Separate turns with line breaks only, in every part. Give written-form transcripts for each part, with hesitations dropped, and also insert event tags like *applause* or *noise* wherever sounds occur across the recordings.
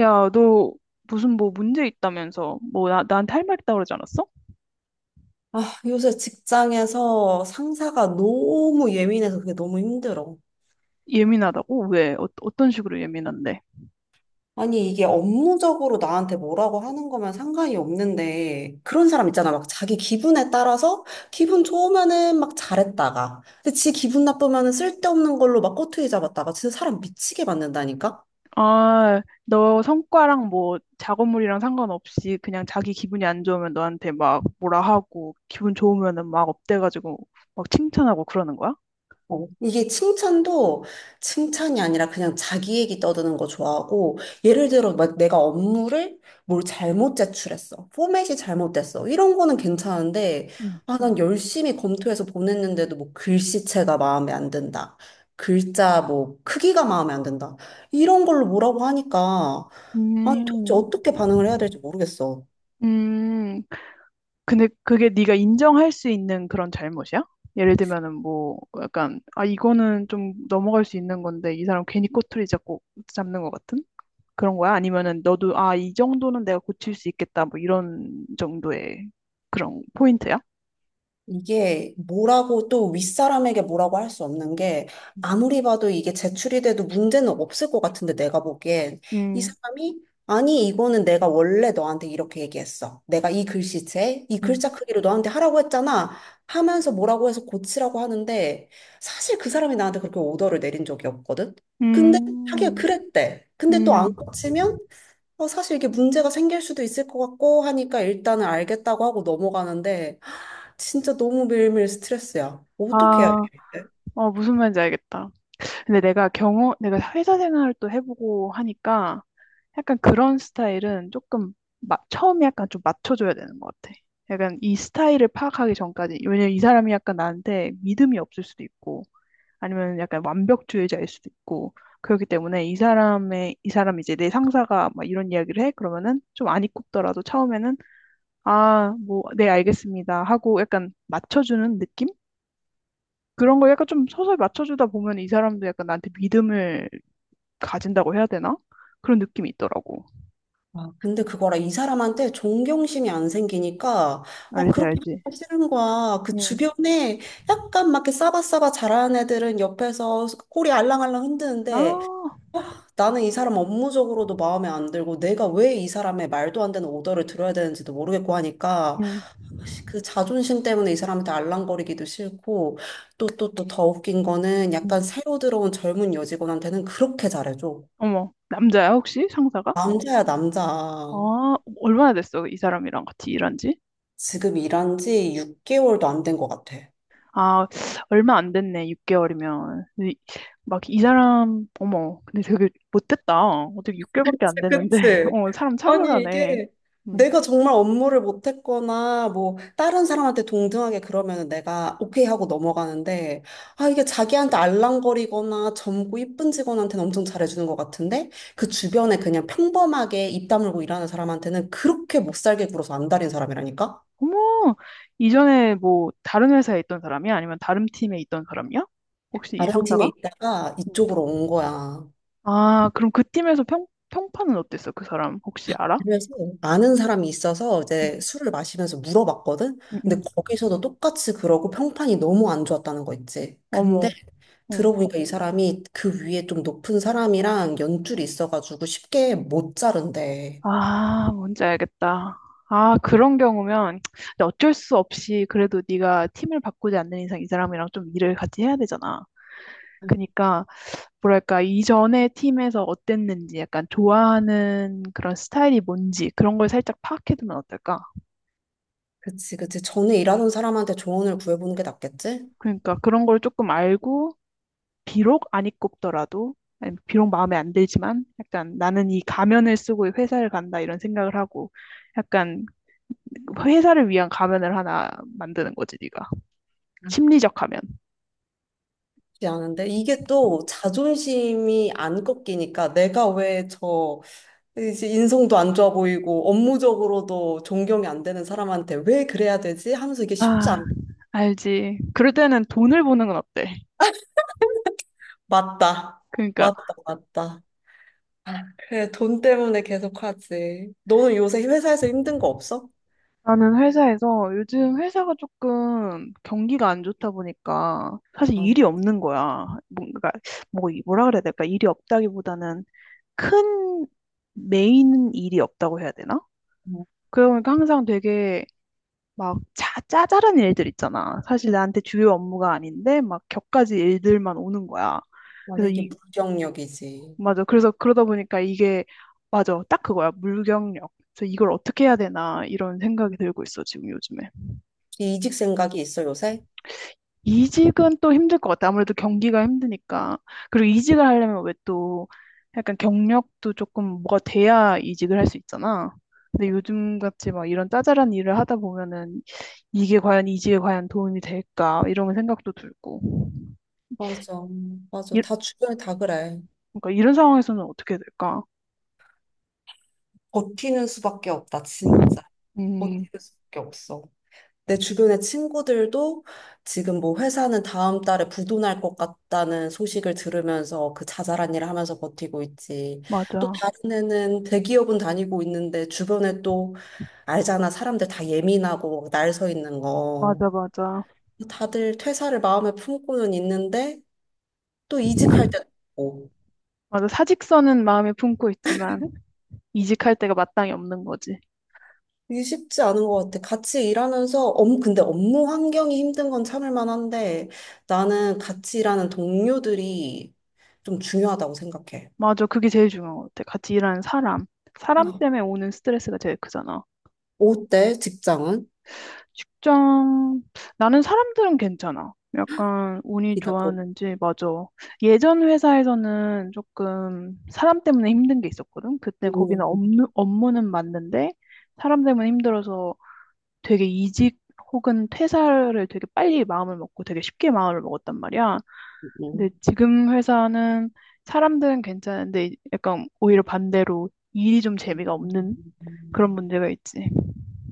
야, 너 무슨 뭐 문제 있다면서 뭐 나한테 할 말 있다 그러지 않았어?
아, 요새 직장에서 상사가 너무 예민해서 그게 너무 힘들어.
예민하다고? 왜? 어떤 식으로 예민한데?
아니, 이게 업무적으로 나한테 뭐라고 하는 거면 상관이 없는데, 그런 사람 있잖아. 막 자기 기분에 따라서 기분 좋으면은 막 잘했다가, 근데 지 기분 나쁘면은 쓸데없는 걸로 막 꼬투리 잡았다가, 진짜 사람 미치게 만든다니까?
아, 너 성과랑 뭐 작업물이랑 상관없이 그냥 자기 기분이 안 좋으면 너한테 막 뭐라 하고 기분 좋으면은 막 업돼가지고 막 칭찬하고 그러는 거야?
어, 이게 칭찬도 칭찬이 아니라 그냥 자기 얘기 떠드는 거 좋아하고, 예를 들어, 막 내가 업무를 뭘 잘못 제출했어. 포맷이 잘못됐어. 이런 거는 괜찮은데,
음,
아, 난 열심히 검토해서 보냈는데도 뭐 글씨체가 마음에 안 든다. 글자 뭐 크기가 마음에 안 든다. 이런 걸로 뭐라고 하니까, 아니 도대체
음,
어떻게 반응을 해야 될지 모르겠어.
음, 근데 그게 네가 인정할 수 있는 그런 잘못이야? 예를 들면은 뭐 약간 아 이거는 좀 넘어갈 수 있는 건데 이 사람 괜히 꼬투리 잡고 잡는 것 같은 그런 거야? 아니면은 너도 아 이 정도는 내가 고칠 수 있겠다 뭐 이런 정도의 그런 포인트야?
이게 뭐라고 또 윗사람에게 뭐라고 할 수 없는 게 아무리 봐도 이게 제출이 돼도 문제는 없을 것 같은데 내가 보기엔 이
음,
사람이 아니 이거는 내가 원래 너한테 이렇게 얘기했어. 내가 이 글씨체, 이
음,
글자 크기로 너한테 하라고 했잖아. 하면서 뭐라고 해서 고치라고 하는데 사실 그 사람이 나한테 그렇게 오더를 내린 적이 없거든. 근데 하기가
음,
그랬대. 근데 또 안
음.
고치면 어, 사실 이게 문제가 생길 수도 있을 것 같고 하니까 일단은 알겠다고 하고 넘어가는데 하, 진짜 너무 매일매일 스트레스야. 어떻게 해야 되
아,
돼?
무슨 말인지 알겠다. 근데 내가 경험, 내가 회사 생활을 또 해보고 하니까 약간 그런 스타일은 조금 처음에 약간 좀 맞춰줘야 되는 것 같아. 약간 이 스타일을 파악하기 전까지, 왜냐면 이 사람이 약간 나한테 믿음이 없을 수도 있고, 아니면 약간 완벽주의자일 수도 있고, 그렇기 때문에 이 사람의, 이 사람 이제 내 상사가 막 이런 이야기를 해? 그러면은 좀 안 입굽더라도 처음에는, 아, 뭐, 네, 알겠습니다. 하고 약간 맞춰주는 느낌? 그런 걸 약간 좀 서서히 맞춰주다 보면 이 사람도 약간 나한테 믿음을 가진다고 해야 되나? 그런 느낌이 있더라고.
아, 근데 그거라 이 사람한테 존경심이 안 생기니까 아
알지,
그렇게
알지.
하기 싫은 거야. 그
음.
주변에 약간 막 이렇게 싸바싸바 잘하는 애들은 옆에서 꼬리 알랑알랑 흔드는데
아,
나는 이 사람 업무적으로도 마음에 안 들고 내가 왜 이 사람의 말도 안 되는 오더를 들어야 되는지도 모르겠고 하니까
음,
그 자존심 때문에 이 사람한테 알랑거리기도 싫고 또 더 웃긴 거는 약간
음.
새로 들어온 젊은 여직원한테는 그렇게 잘해줘.
어머, 남자야, 혹시 상사가?
남자야 남자.
아, 얼마나 됐어, 이 사람이랑 같이 일한 지?
지금 일한 지 6개월도 안 된 것 같아.
아, 얼마 안 됐네, 6개월이면. 막 이 사람, 어머, 근데 되게 못됐다. 어떻게 6개월밖에 안 됐는데,
그치?
*laughs* 어, 사람
아니,
차별하네.
이게
음.
내가 정말 업무를 못했거나, 뭐, 다른 사람한테 동등하게 그러면은 내가 오케이 하고 넘어가는데, 아, 이게 자기한테 알랑거리거나 젊고 이쁜 직원한테는 엄청 잘해주는 것 같은데, 그 주변에 그냥 평범하게 입 다물고 일하는 사람한테는 그렇게 못 살게 굴어서 안달인 사람이라니까?
어머, 이전에 뭐 다른 회사에 있던 사람이야? 아니면 다른 팀에 있던 사람이야? 혹시 이
다른 팀에
상사가?
있다가
음.
이쪽으로 온 거야.
아, 그럼 그 팀에서 평판은 어땠어, 그 사람? 혹시 알아?
그래서 아는 사람이 있어서
음,
이제 술을 마시면서 물어봤거든?
음, 음.
근데 거기서도 똑같이 그러고 평판이 너무 안 좋았다는 거 있지. 근데
어머. 응.
들어보니까 이 사람이 그 위에 좀 높은 사람이랑 연줄이 있어가지고 쉽게 못 자른대.
아, 뭔지 알겠다. 아, 그런 경우면 근데 어쩔 수 없이 그래도 네가 팀을 바꾸지 않는 이상 이 사람이랑 좀 일을 같이 해야 되잖아.
음,
그러니까 뭐랄까 이전의 팀에서 어땠는지 약간 좋아하는 그런 스타일이 뭔지 그런 걸 살짝 파악해두면 어떨까?
그치, 그치. 전에 일하는 사람한테 조언을 구해보는 게 낫겠지?
그러니까 그런 걸 조금 알고 비록 안 입고 더라도 아니, 비록 마음에 안 들지만 약간 나는 이 가면을 쓰고 이 회사를 간다 이런 생각을 하고 약간 회사를 위한 가면을 하나 만드는 거지 네가. 심리적 하면.
낫지 않은데 이게 또 자존심이 안 꺾이니까 내가 왜저 이제 인성도 안 좋아 보이고 업무적으로도 존경이 안 되는 사람한테 왜 그래야 되지? 하면서 이게 쉽지
아,
않.
알지. 그럴 때는 돈을 버는 건 어때?
맞다.
그러니까
맞다. 맞다. 아, 그래, 돈 때문에 계속 하지. 너는 요새 회사에서 힘든 거 없어?
나는 회사에서 요즘 회사가 조금 경기가 안 좋다 보니까 사실
맞아,
일이
맞아.
없는 거야. 뭔가 뭐 뭐라 그래야 될까? 일이 없다기보다는 큰 메인 일이 없다고 해야 되나?
어,
그러니까 항상 되게 막 짜잘한 일들 있잖아. 사실 나한테 주요 업무가 아닌데 막 격가지 일들만 오는 거야.
맞아,
그래서
이게
이
무경력이지.
맞아. 그래서 그러다 보니까 이게 맞아. 딱 그거야. 물경력. 그래서 이걸 어떻게 해야 되나 이런 생각이 들고 있어 지금 요즘에.
이직 생각이 있어, 요새?
이직은 또 힘들 것 같아. 아무래도 경기가 힘드니까. 그리고 이직을 하려면 왜 또 약간 경력도 조금 뭐가 돼야 이직을 할 수 있잖아. 근데 요즘 같이 막 이런 짜잘한 일을 하다 보면은 이게 과연 이직에 과연 도움이 될까 이런 생각도 들고.
맞아, 맞아.
이,
다 주변에 다 그래.
그러니까 이런 상황에서는 어떻게 될까?
버티는 수밖에 없다, 진짜.
음,
버티는 수밖에 없어. 내 주변의 친구들도 지금 뭐 회사는 다음 달에 부도날 것 같다는 소식을 들으면서 그 자잘한 일을 하면서 버티고 있지. 또
맞아.
다른 애는 대기업은 다니고 있는데 주변에 또 알잖아. 사람들 다 예민하고 날 서 있는 거.
맞아, 맞아.
다들 퇴사를 마음에 품고는 있는데 또 이직할 때도 있고.
맞아. 사직서는 마음에 품고 있지만 이직할 때가 마땅히 없는 거지.
이게 쉽지 않은 것 같아. 같이 일하면서, 근데 업무 환경이 힘든 건 참을 만한데, 나는 같이 일하는 동료들이 좀 중요하다고 생각해.
맞아. 그게 제일 중요한 것 같아. 같이 일하는 사람. 사람
아,
때문에 오는 스트레스가 제일 크잖아.
어때, 직장은?
직장, 나는 사람들은 괜찮아. 약간 운이
이다 보.
좋았는지, 맞아. 예전 회사에서는 조금 사람 때문에 힘든 게 있었거든. 그때 거기는
음,
업무, 업무는 맞는데 사람 때문에 힘들어서 되게 이직 혹은 퇴사를 되게 빨리 마음을 먹고 되게 쉽게 마음을 먹었단 말이야.
음,
근데 지금 회사는 사람들은 괜찮은데 약간 오히려 반대로 일이 좀 재미가 없는 그런
음.
문제가 있지.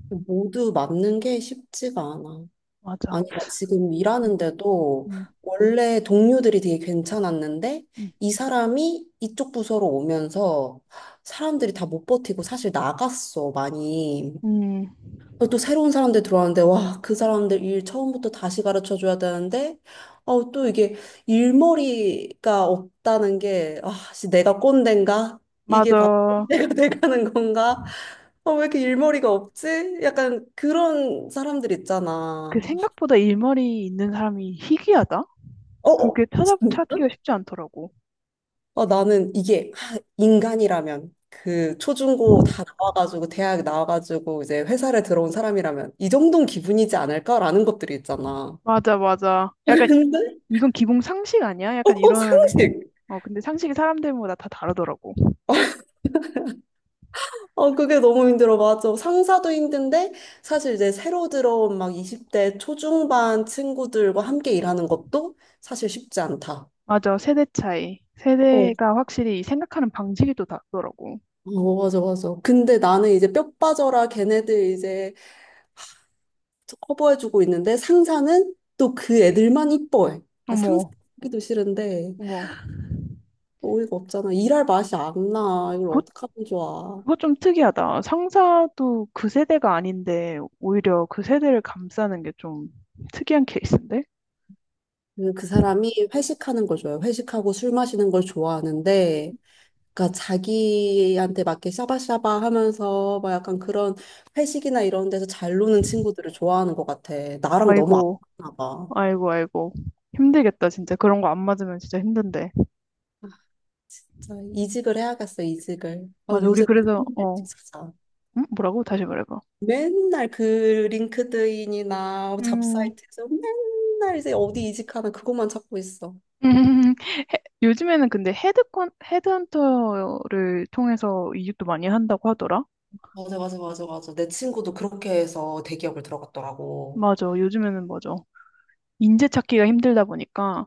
모두 맞는 게 쉽지가 않아.
맞아.
아니, 나 지금
음,
일하는데도
음,
원래 동료들이 되게 괜찮았는데,
음.
이 사람이 이쪽 부서로 오면서 사람들이 다 못 버티고 사실 나갔어, 많이.
음,
어, 또 새로운 사람들 들어왔는데, 와, 그 사람들 일 처음부터 다시 가르쳐 줘야 되는데, 어, 또 이게 일머리가 없다는 게, 아, 씨, 내가 꼰대인가? 이게 바로 꼰대가
맞아.
*laughs* 돼가는 건가? 어, 왜 이렇게 일머리가 없지? 약간 그런 사람들
그
있잖아.
생각보다 일머리 있는 사람이 희귀하다?
어, 어,
그렇게 찾기가
진짜?
쉽지 않더라고.
어, 나는 이게 하, 인간이라면, 그 초중고 다 나와가지고, 대학 나와가지고, 이제 회사를 들어온 사람이라면, 이 정도는 기분이지 않을까라는 것들이 있잖아.
맞아, 맞아. 약간
*laughs*
이건 기본 상식 아니야? 약간
어,
이런,
상식.
어, 근데 상식이 사람들마다 다 다르더라고.
어, 그게 너무 힘들어. 맞아. 상사도 힘든데, 사실 이제 새로 들어온 막 20대 초중반 친구들과 함께 일하는 것도 사실 쉽지 않다.
맞아, 세대 차이.
어,
세대가 확실히 생각하는 방식이 또 다르더라고.
어, 맞아, 맞아. 근데 나는 이제 뼈 빠져라 걔네들 이제 커버해주고 있는데, 상사는 또 그 애들만 이뻐해. 나 상사
어머,
하기도 싫은데,
어머.
어이가 없잖아. 일할 맛이 안 나. 이걸
그거,
어떡하면 좋아.
그거 좀 특이하다. 상사도 그 세대가 아닌데 오히려 그 세대를 감싸는 게 좀 특이한 케이스인데?
그, 그 사람이 회식하는 걸 좋아해. 회식하고 술 마시는 걸 좋아하는데, 그러니까 자기한테 맞게 샤바샤바 하면서 막 약간 그런 회식이나 이런 데서 잘 노는 친구들을 좋아하는 것 같아. 나랑 너무 안
아이고,
맞나 봐.
아이고, 아이고. 힘들겠다, 진짜. 그런 거 안 맞으면 진짜 힘든데.
진짜 이직을 해야겠어, 이직을. 아,
맞아, 우리
요새
그래서,
맨날
어,
진짜
음? 뭐라고? 다시 말해봐.
맨날 그 링크드인이나
음, 음,
잡사이트에서 맨날 이제 어디 이직하나 그것만 찾고 있어.
*laughs* 요즘에는 근데 헤드헌터를 통해서 이직도 많이 한다고 하더라?
맞아, 맞아, 맞아, 맞아. 내 친구도 그렇게 해서 대기업을 들어갔더라고.
맞아, 요즘에는 맞아. 인재 찾기가 힘들다 보니까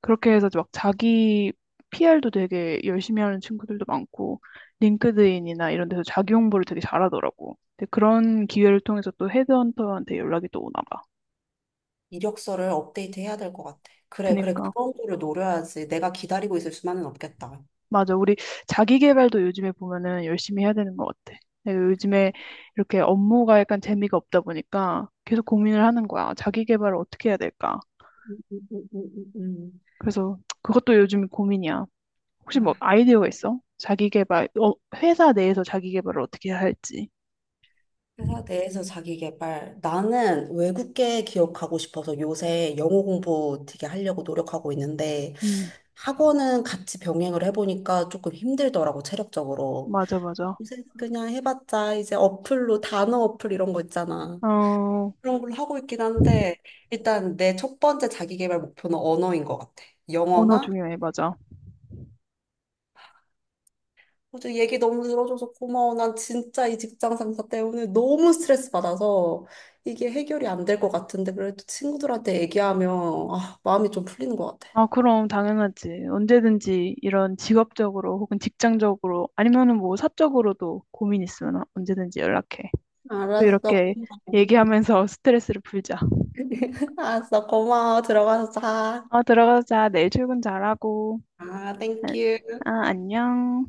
그렇게 해서 막 자기 PR도 되게 열심히 하는 친구들도 많고, 링크드인이나 이런 데서 자기 홍보를 되게 잘하더라고. 근데 그런 기회를 통해서 또 헤드헌터한테 연락이 또 오나 봐.
이력서를 업데이트 해야 될 것 같아. 그래, 그래.
그니까.
그런 거를 노려야지. 내가 기다리고 있을 수만은 없겠다.
맞아. 우리 자기 개발도 요즘에 보면은 열심히 해야 되는 것 같아. 내가 요즘에 이렇게 업무가 약간 재미가 없다 보니까 계속 고민을 하는 거야. 자기 개발을 어떻게 해야 될까?
음, 음, 음.
그래서 그것도 요즘 고민이야. 혹시 뭐
아,
아이디어가 있어? 자기 개발, 회사 내에서 자기 개발을 어떻게 해야 할지.
회사 내에서 자기 개발. 나는 외국계 기억하고 싶어서 요새 영어 공부 되게 하려고 노력하고 있는데
음.
학원은 같이 병행을 해보니까 조금 힘들더라고, 체력적으로.
맞아, 맞아.
요새 그냥 해봤자 이제 어플로 단어 어플 이런 거 있잖아.
어,
그런 걸로 하고 있긴 한데 일단 내 첫 번째 자기 개발 목표는 언어인 것 같아.
언어
영어나
중요해, 맞아.
어제 얘기 너무 들어줘서 고마워. 난 진짜 이 직장 상사 때문에 너무 스트레스 받아서 이게 해결이 안 될 것 같은데 그래도 친구들한테 얘기하면 아, 마음이 좀 풀리는 것 같아.
아, 그럼 당연하지. 언제든지 이런 직업적으로 혹은 직장적으로 아니면은 뭐 사적으로도 고민 있으면 언제든지 연락해. 또
알았어.
이렇게
고마워.
얘기하면서 *laughs* 스트레스를 풀자.
*laughs* 알았어. 고마워. 들어가서 자.
아, 들어가자. 내일 출근 잘하고.
아,
아,
땡큐.
아, 안녕.